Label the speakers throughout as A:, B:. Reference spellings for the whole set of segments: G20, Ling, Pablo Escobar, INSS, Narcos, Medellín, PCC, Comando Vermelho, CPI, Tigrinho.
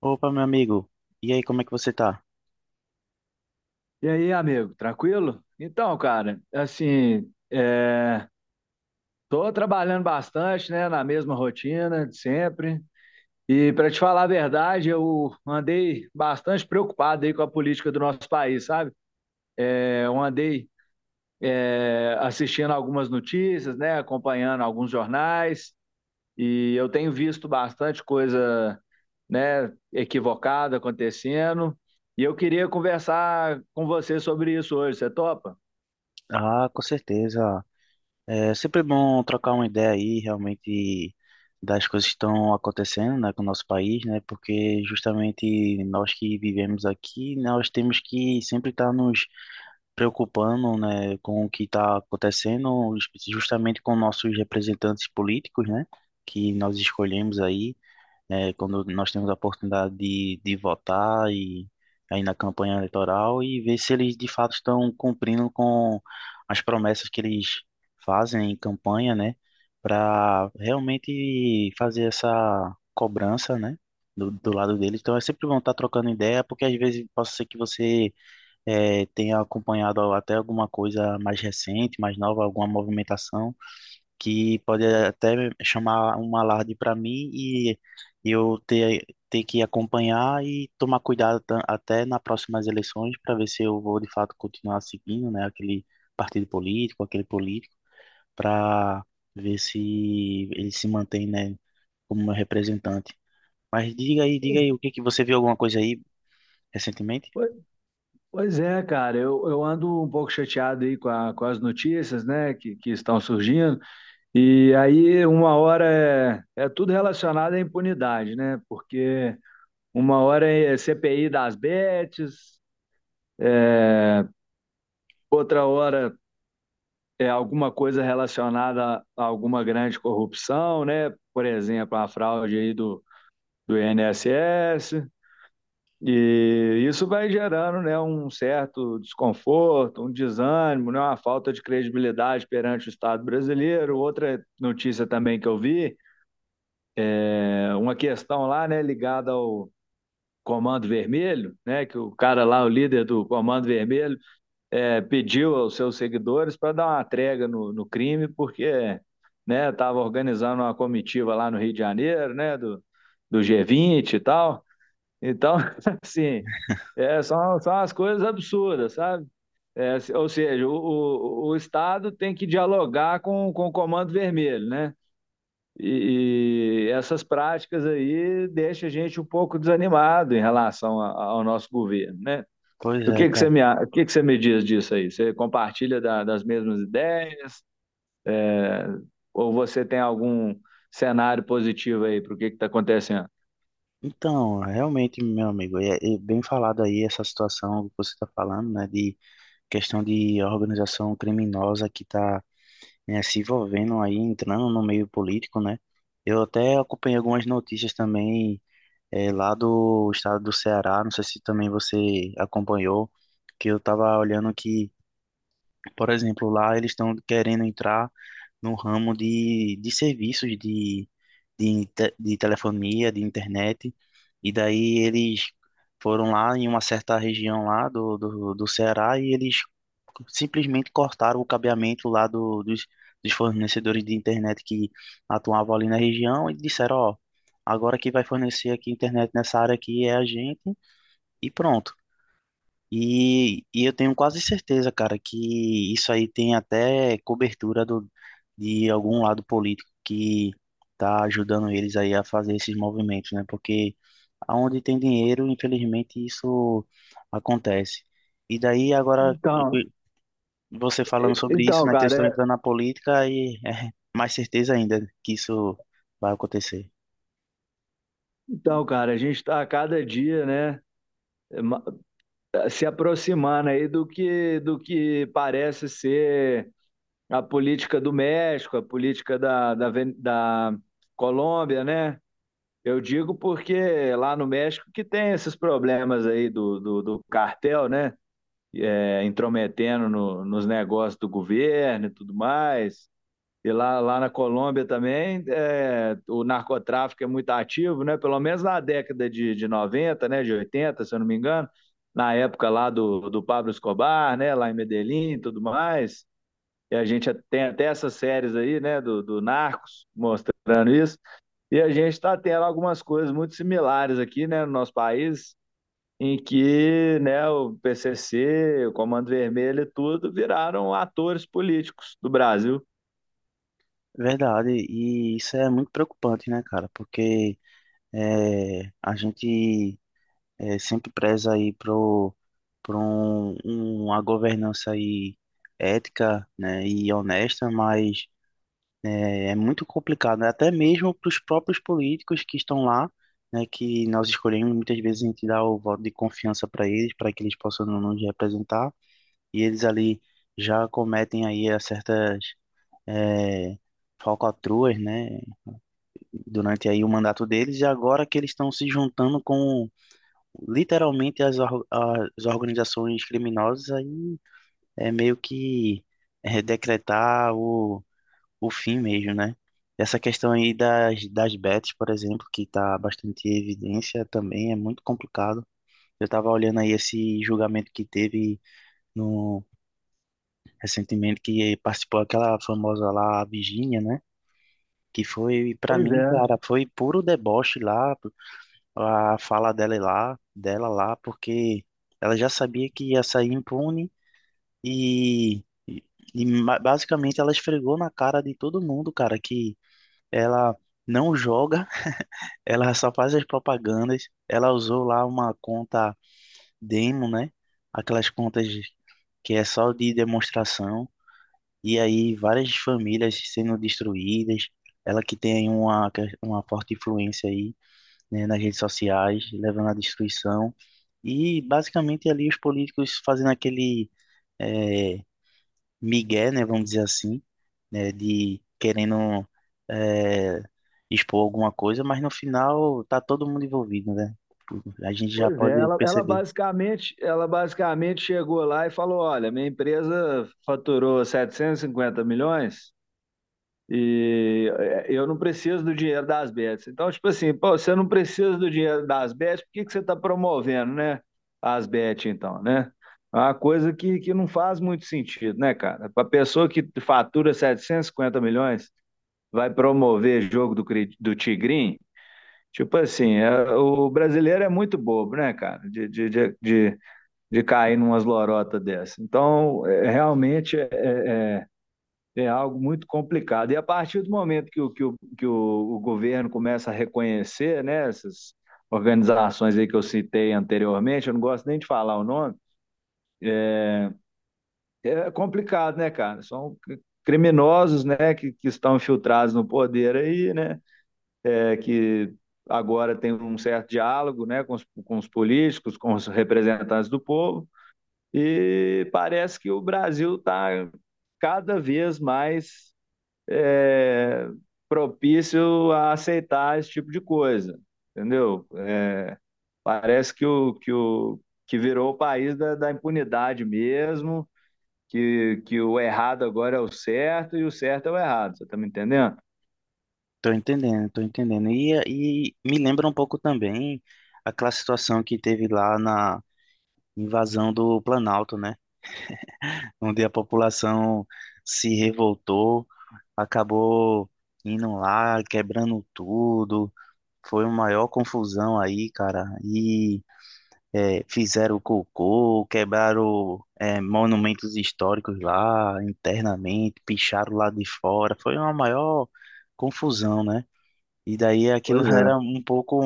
A: Opa, meu amigo. E aí, como é que você tá?
B: E aí, amigo, tranquilo? Tô trabalhando bastante, né, na mesma rotina de sempre. E para te falar a verdade, eu andei bastante preocupado aí com a política do nosso país, sabe? Eu andei assistindo algumas notícias, né, acompanhando alguns jornais, e eu tenho visto bastante coisa, né, equivocada acontecendo. E eu queria conversar com você sobre isso hoje, você topa?
A: Ah, com certeza. É sempre bom trocar uma ideia aí, realmente, das coisas que estão acontecendo, né, com o nosso país, né? Porque justamente nós que vivemos aqui, nós temos que sempre estar nos preocupando, né, com o que está acontecendo, justamente com nossos representantes políticos, né? Que nós escolhemos aí. Né, quando nós temos a oportunidade de votar e aí na campanha eleitoral e ver se eles de fato estão cumprindo com as promessas que eles fazem em campanha, né, para realmente fazer essa cobrança, né, do lado deles. Então é sempre bom estar trocando ideia, porque às vezes pode ser que você tenha acompanhado até alguma coisa mais recente, mais nova, alguma movimentação que pode até chamar um alarde para mim e eu ter, ter que acompanhar e tomar cuidado até nas próximas eleições para ver se eu vou de fato continuar seguindo, né, aquele partido político, aquele político, para ver se ele se mantém, né, como meu representante. Mas diga aí, o que que você viu, alguma coisa aí recentemente?
B: Pois é, cara, eu ando um pouco chateado aí com, com as notícias, né, que estão surgindo, e aí uma hora é tudo relacionado à impunidade, né, porque uma hora é CPI das bets, é, outra hora é alguma coisa relacionada a alguma grande corrupção, né, por exemplo, a fraude aí do INSS. E isso vai gerando, né, um certo desconforto, um desânimo, né, uma falta de credibilidade perante o Estado brasileiro. Outra notícia também que eu vi, é uma questão lá, né, ligada ao Comando Vermelho, né, que o cara lá, o líder do Comando Vermelho, pediu aos seus seguidores para dar uma trégua no crime, porque, né, estava organizando uma comitiva lá no Rio de Janeiro, né, do, do G20 e tal. Então, assim, é, são as coisas absurdas, sabe? Ou seja, o Estado tem que dialogar com o Comando Vermelho, né? E essas práticas aí deixam a gente um pouco desanimado em relação ao nosso governo, né?
A: Pois é, cara.
B: O que que você me diz disso aí? Você compartilha das mesmas ideias? É, ou você tem algum cenário positivo aí para o que está acontecendo?
A: Então, realmente, meu amigo, é bem falado aí essa situação que você está falando, né, de questão de organização criminosa que está, né, se envolvendo aí, entrando no meio político, né? Eu até acompanhei algumas notícias também lá do estado do Ceará, não sei se também você acompanhou, que eu estava olhando que, por exemplo, lá eles estão querendo entrar no ramo de serviços de de telefonia, de internet. E daí eles foram lá em uma certa região lá do Ceará e eles simplesmente cortaram o cabeamento lá dos fornecedores de internet que atuavam ali na região e disseram, ó, agora quem vai fornecer aqui internet nessa área aqui é a gente e pronto. E eu tenho quase certeza, cara, que isso aí tem até cobertura do, de algum lado político que tá ajudando eles aí a fazer esses movimentos, né? Porque aonde tem dinheiro, infelizmente, isso acontece. E daí, agora,
B: Então,
A: você falando
B: e-
A: sobre isso,
B: então,
A: né, que eles estão
B: cara,
A: entrando na política, aí é mais certeza ainda que isso vai acontecer.
B: Então, cara, a gente está a cada dia, né, ma- se aproximando aí do que parece ser a política do México, a política da Colômbia, né? Eu digo porque lá no México que tem esses problemas aí do cartel, né? É, intrometendo nos negócios do governo e tudo mais. E lá na Colômbia também, é, o narcotráfico é muito ativo, né? Pelo menos na década de 90, né? De 80, se eu não me engano, na época lá do Pablo Escobar, né? Lá em Medellín e tudo mais. E a gente tem até essas séries aí, né? Do Narcos, mostrando isso. E a gente está tendo algumas coisas muito similares aqui, né? No nosso país, em que né, o PCC, o Comando Vermelho e tudo viraram atores políticos do Brasil.
A: Verdade, e isso é muito preocupante, né, cara? Porque é, a gente é sempre preza aí pro uma governança aí ética, né, e honesta, mas é muito complicado, né, até mesmo para os próprios políticos que estão lá, né, que nós escolhemos, muitas vezes a gente dá o voto de confiança para eles, para que eles possam nos representar, e eles ali já cometem aí a certas eh, falcatruas, né, durante aí o mandato deles, e agora que eles estão se juntando com literalmente as organizações criminosas aí é meio que é, decretar o fim mesmo, né? Essa questão aí das bets, por exemplo, que está bastante em evidência também, é muito complicado. Eu estava olhando aí esse julgamento que teve no, recentemente, que participou aquela famosa lá, a Virgínia, né? Que foi, para
B: Pois
A: mim,
B: é,
A: cara, foi puro deboche lá, a fala dela lá, porque ela já sabia que ia sair impune e, e, e basicamente ela esfregou na cara de todo mundo, cara, que ela não joga, ela só faz as propagandas, ela usou lá uma conta demo, né? Aquelas contas que é só de demonstração, e aí várias famílias sendo destruídas. Ela que tem uma forte influência aí, né, nas redes sociais, levando à destruição. E basicamente ali os políticos fazendo aquele eh, migué, né, vamos dizer assim, né, de querendo eh, expor alguma coisa, mas no final tá todo mundo envolvido, né? A gente já
B: Pois é,
A: pode perceber.
B: ela basicamente chegou lá e falou: olha, minha empresa faturou 750 milhões e eu não preciso do dinheiro das bets. Então, tipo assim, pô, você não precisa do dinheiro das bets, por que que você está promovendo, né? As bets, então, né? É uma coisa que não faz muito sentido, né, cara? Para pessoa que fatura 750 milhões, vai promover jogo do Tigrinho? Tipo assim, o brasileiro é muito bobo, né, cara, de cair numas lorotas dessa. Então, é, realmente é algo muito complicado. E a partir do momento o governo começa a reconhecer, né, essas organizações aí que eu citei anteriormente, eu não gosto nem de falar o nome, é complicado, né, cara? São criminosos, né, que estão infiltrados no poder aí, né? É que agora tem um certo diálogo né, com os políticos, com os representantes do povo, e parece que o Brasil está cada vez mais é, propício a aceitar esse tipo de coisa, entendeu? Parece que o que, o, que virou o país da impunidade mesmo, que o errado agora é o certo e o certo é o errado, você está me entendendo?
A: Tô entendendo, tô entendendo. E me lembra um pouco também aquela situação que teve lá na invasão do Planalto, né? Onde a população se revoltou, acabou indo lá, quebrando tudo. Foi uma maior confusão aí, cara. E é, fizeram cocô, quebraram é, monumentos históricos lá internamente, picharam lá de fora. Foi uma maior confusão, né? E daí aquilo
B: Pois é,
A: era um pouco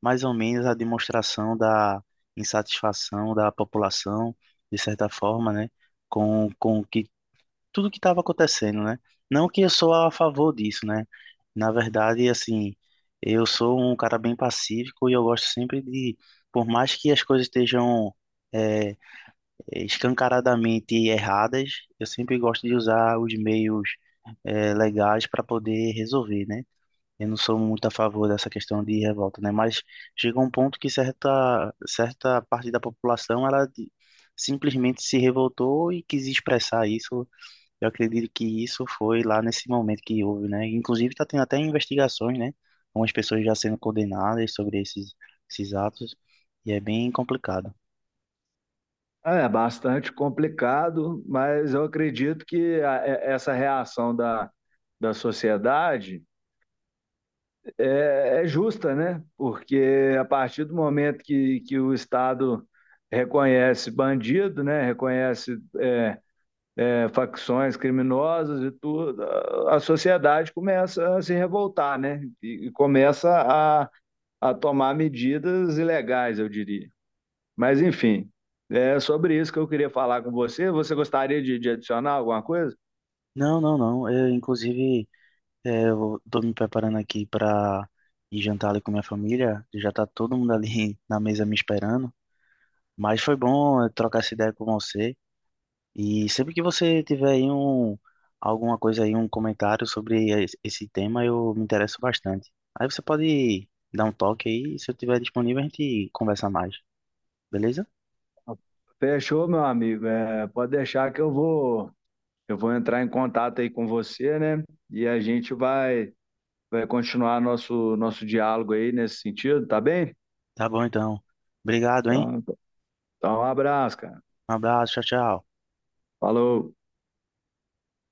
A: mais ou menos a demonstração da insatisfação da população, de certa forma, né? Com tudo que estava acontecendo, né? Não que eu sou a favor disso, né? Na verdade, assim, eu sou um cara bem pacífico e eu gosto sempre de, por mais que as coisas estejam é, escancaradamente erradas, eu sempre gosto de usar os meios legais para poder resolver, né? Eu não sou muito a favor dessa questão de revolta, né? Mas chega um ponto que certa parte da população, simplesmente se revoltou e quis expressar isso. Eu acredito que isso foi lá nesse momento que houve, né? Inclusive está tendo até investigações, né? Algumas pessoas já sendo condenadas sobre esses atos, e é bem complicado.
B: é é bastante complicado, mas eu acredito que essa reação da sociedade é justa, né? Porque a partir do momento que o Estado reconhece bandido, né? Reconhece é, facções criminosas e tudo, a sociedade começa a se revoltar, né? E começa a, a tomar medidas ilegais, eu diria. Mas, enfim, é sobre isso que eu queria falar com você. Você gostaria de adicionar alguma coisa?
A: Não, não, não. Eu, inclusive, é, eu tô me preparando aqui para ir jantar ali com minha família. Já tá todo mundo ali na mesa me esperando. Mas foi bom trocar essa ideia com você. E sempre que você tiver aí um, alguma coisa aí, um comentário sobre esse tema, eu me interesso bastante. Aí você pode dar um toque aí, se eu tiver disponível, a gente conversa mais, beleza?
B: Fechou, meu amigo. É, pode deixar que eu vou entrar em contato aí com você, né? E vai continuar nosso, nosso diálogo aí nesse sentido, tá bem?
A: Tá bom então. Obrigado, hein?
B: Então, então, um abraço, cara.
A: Um abraço, tchau, tchau.
B: Falou.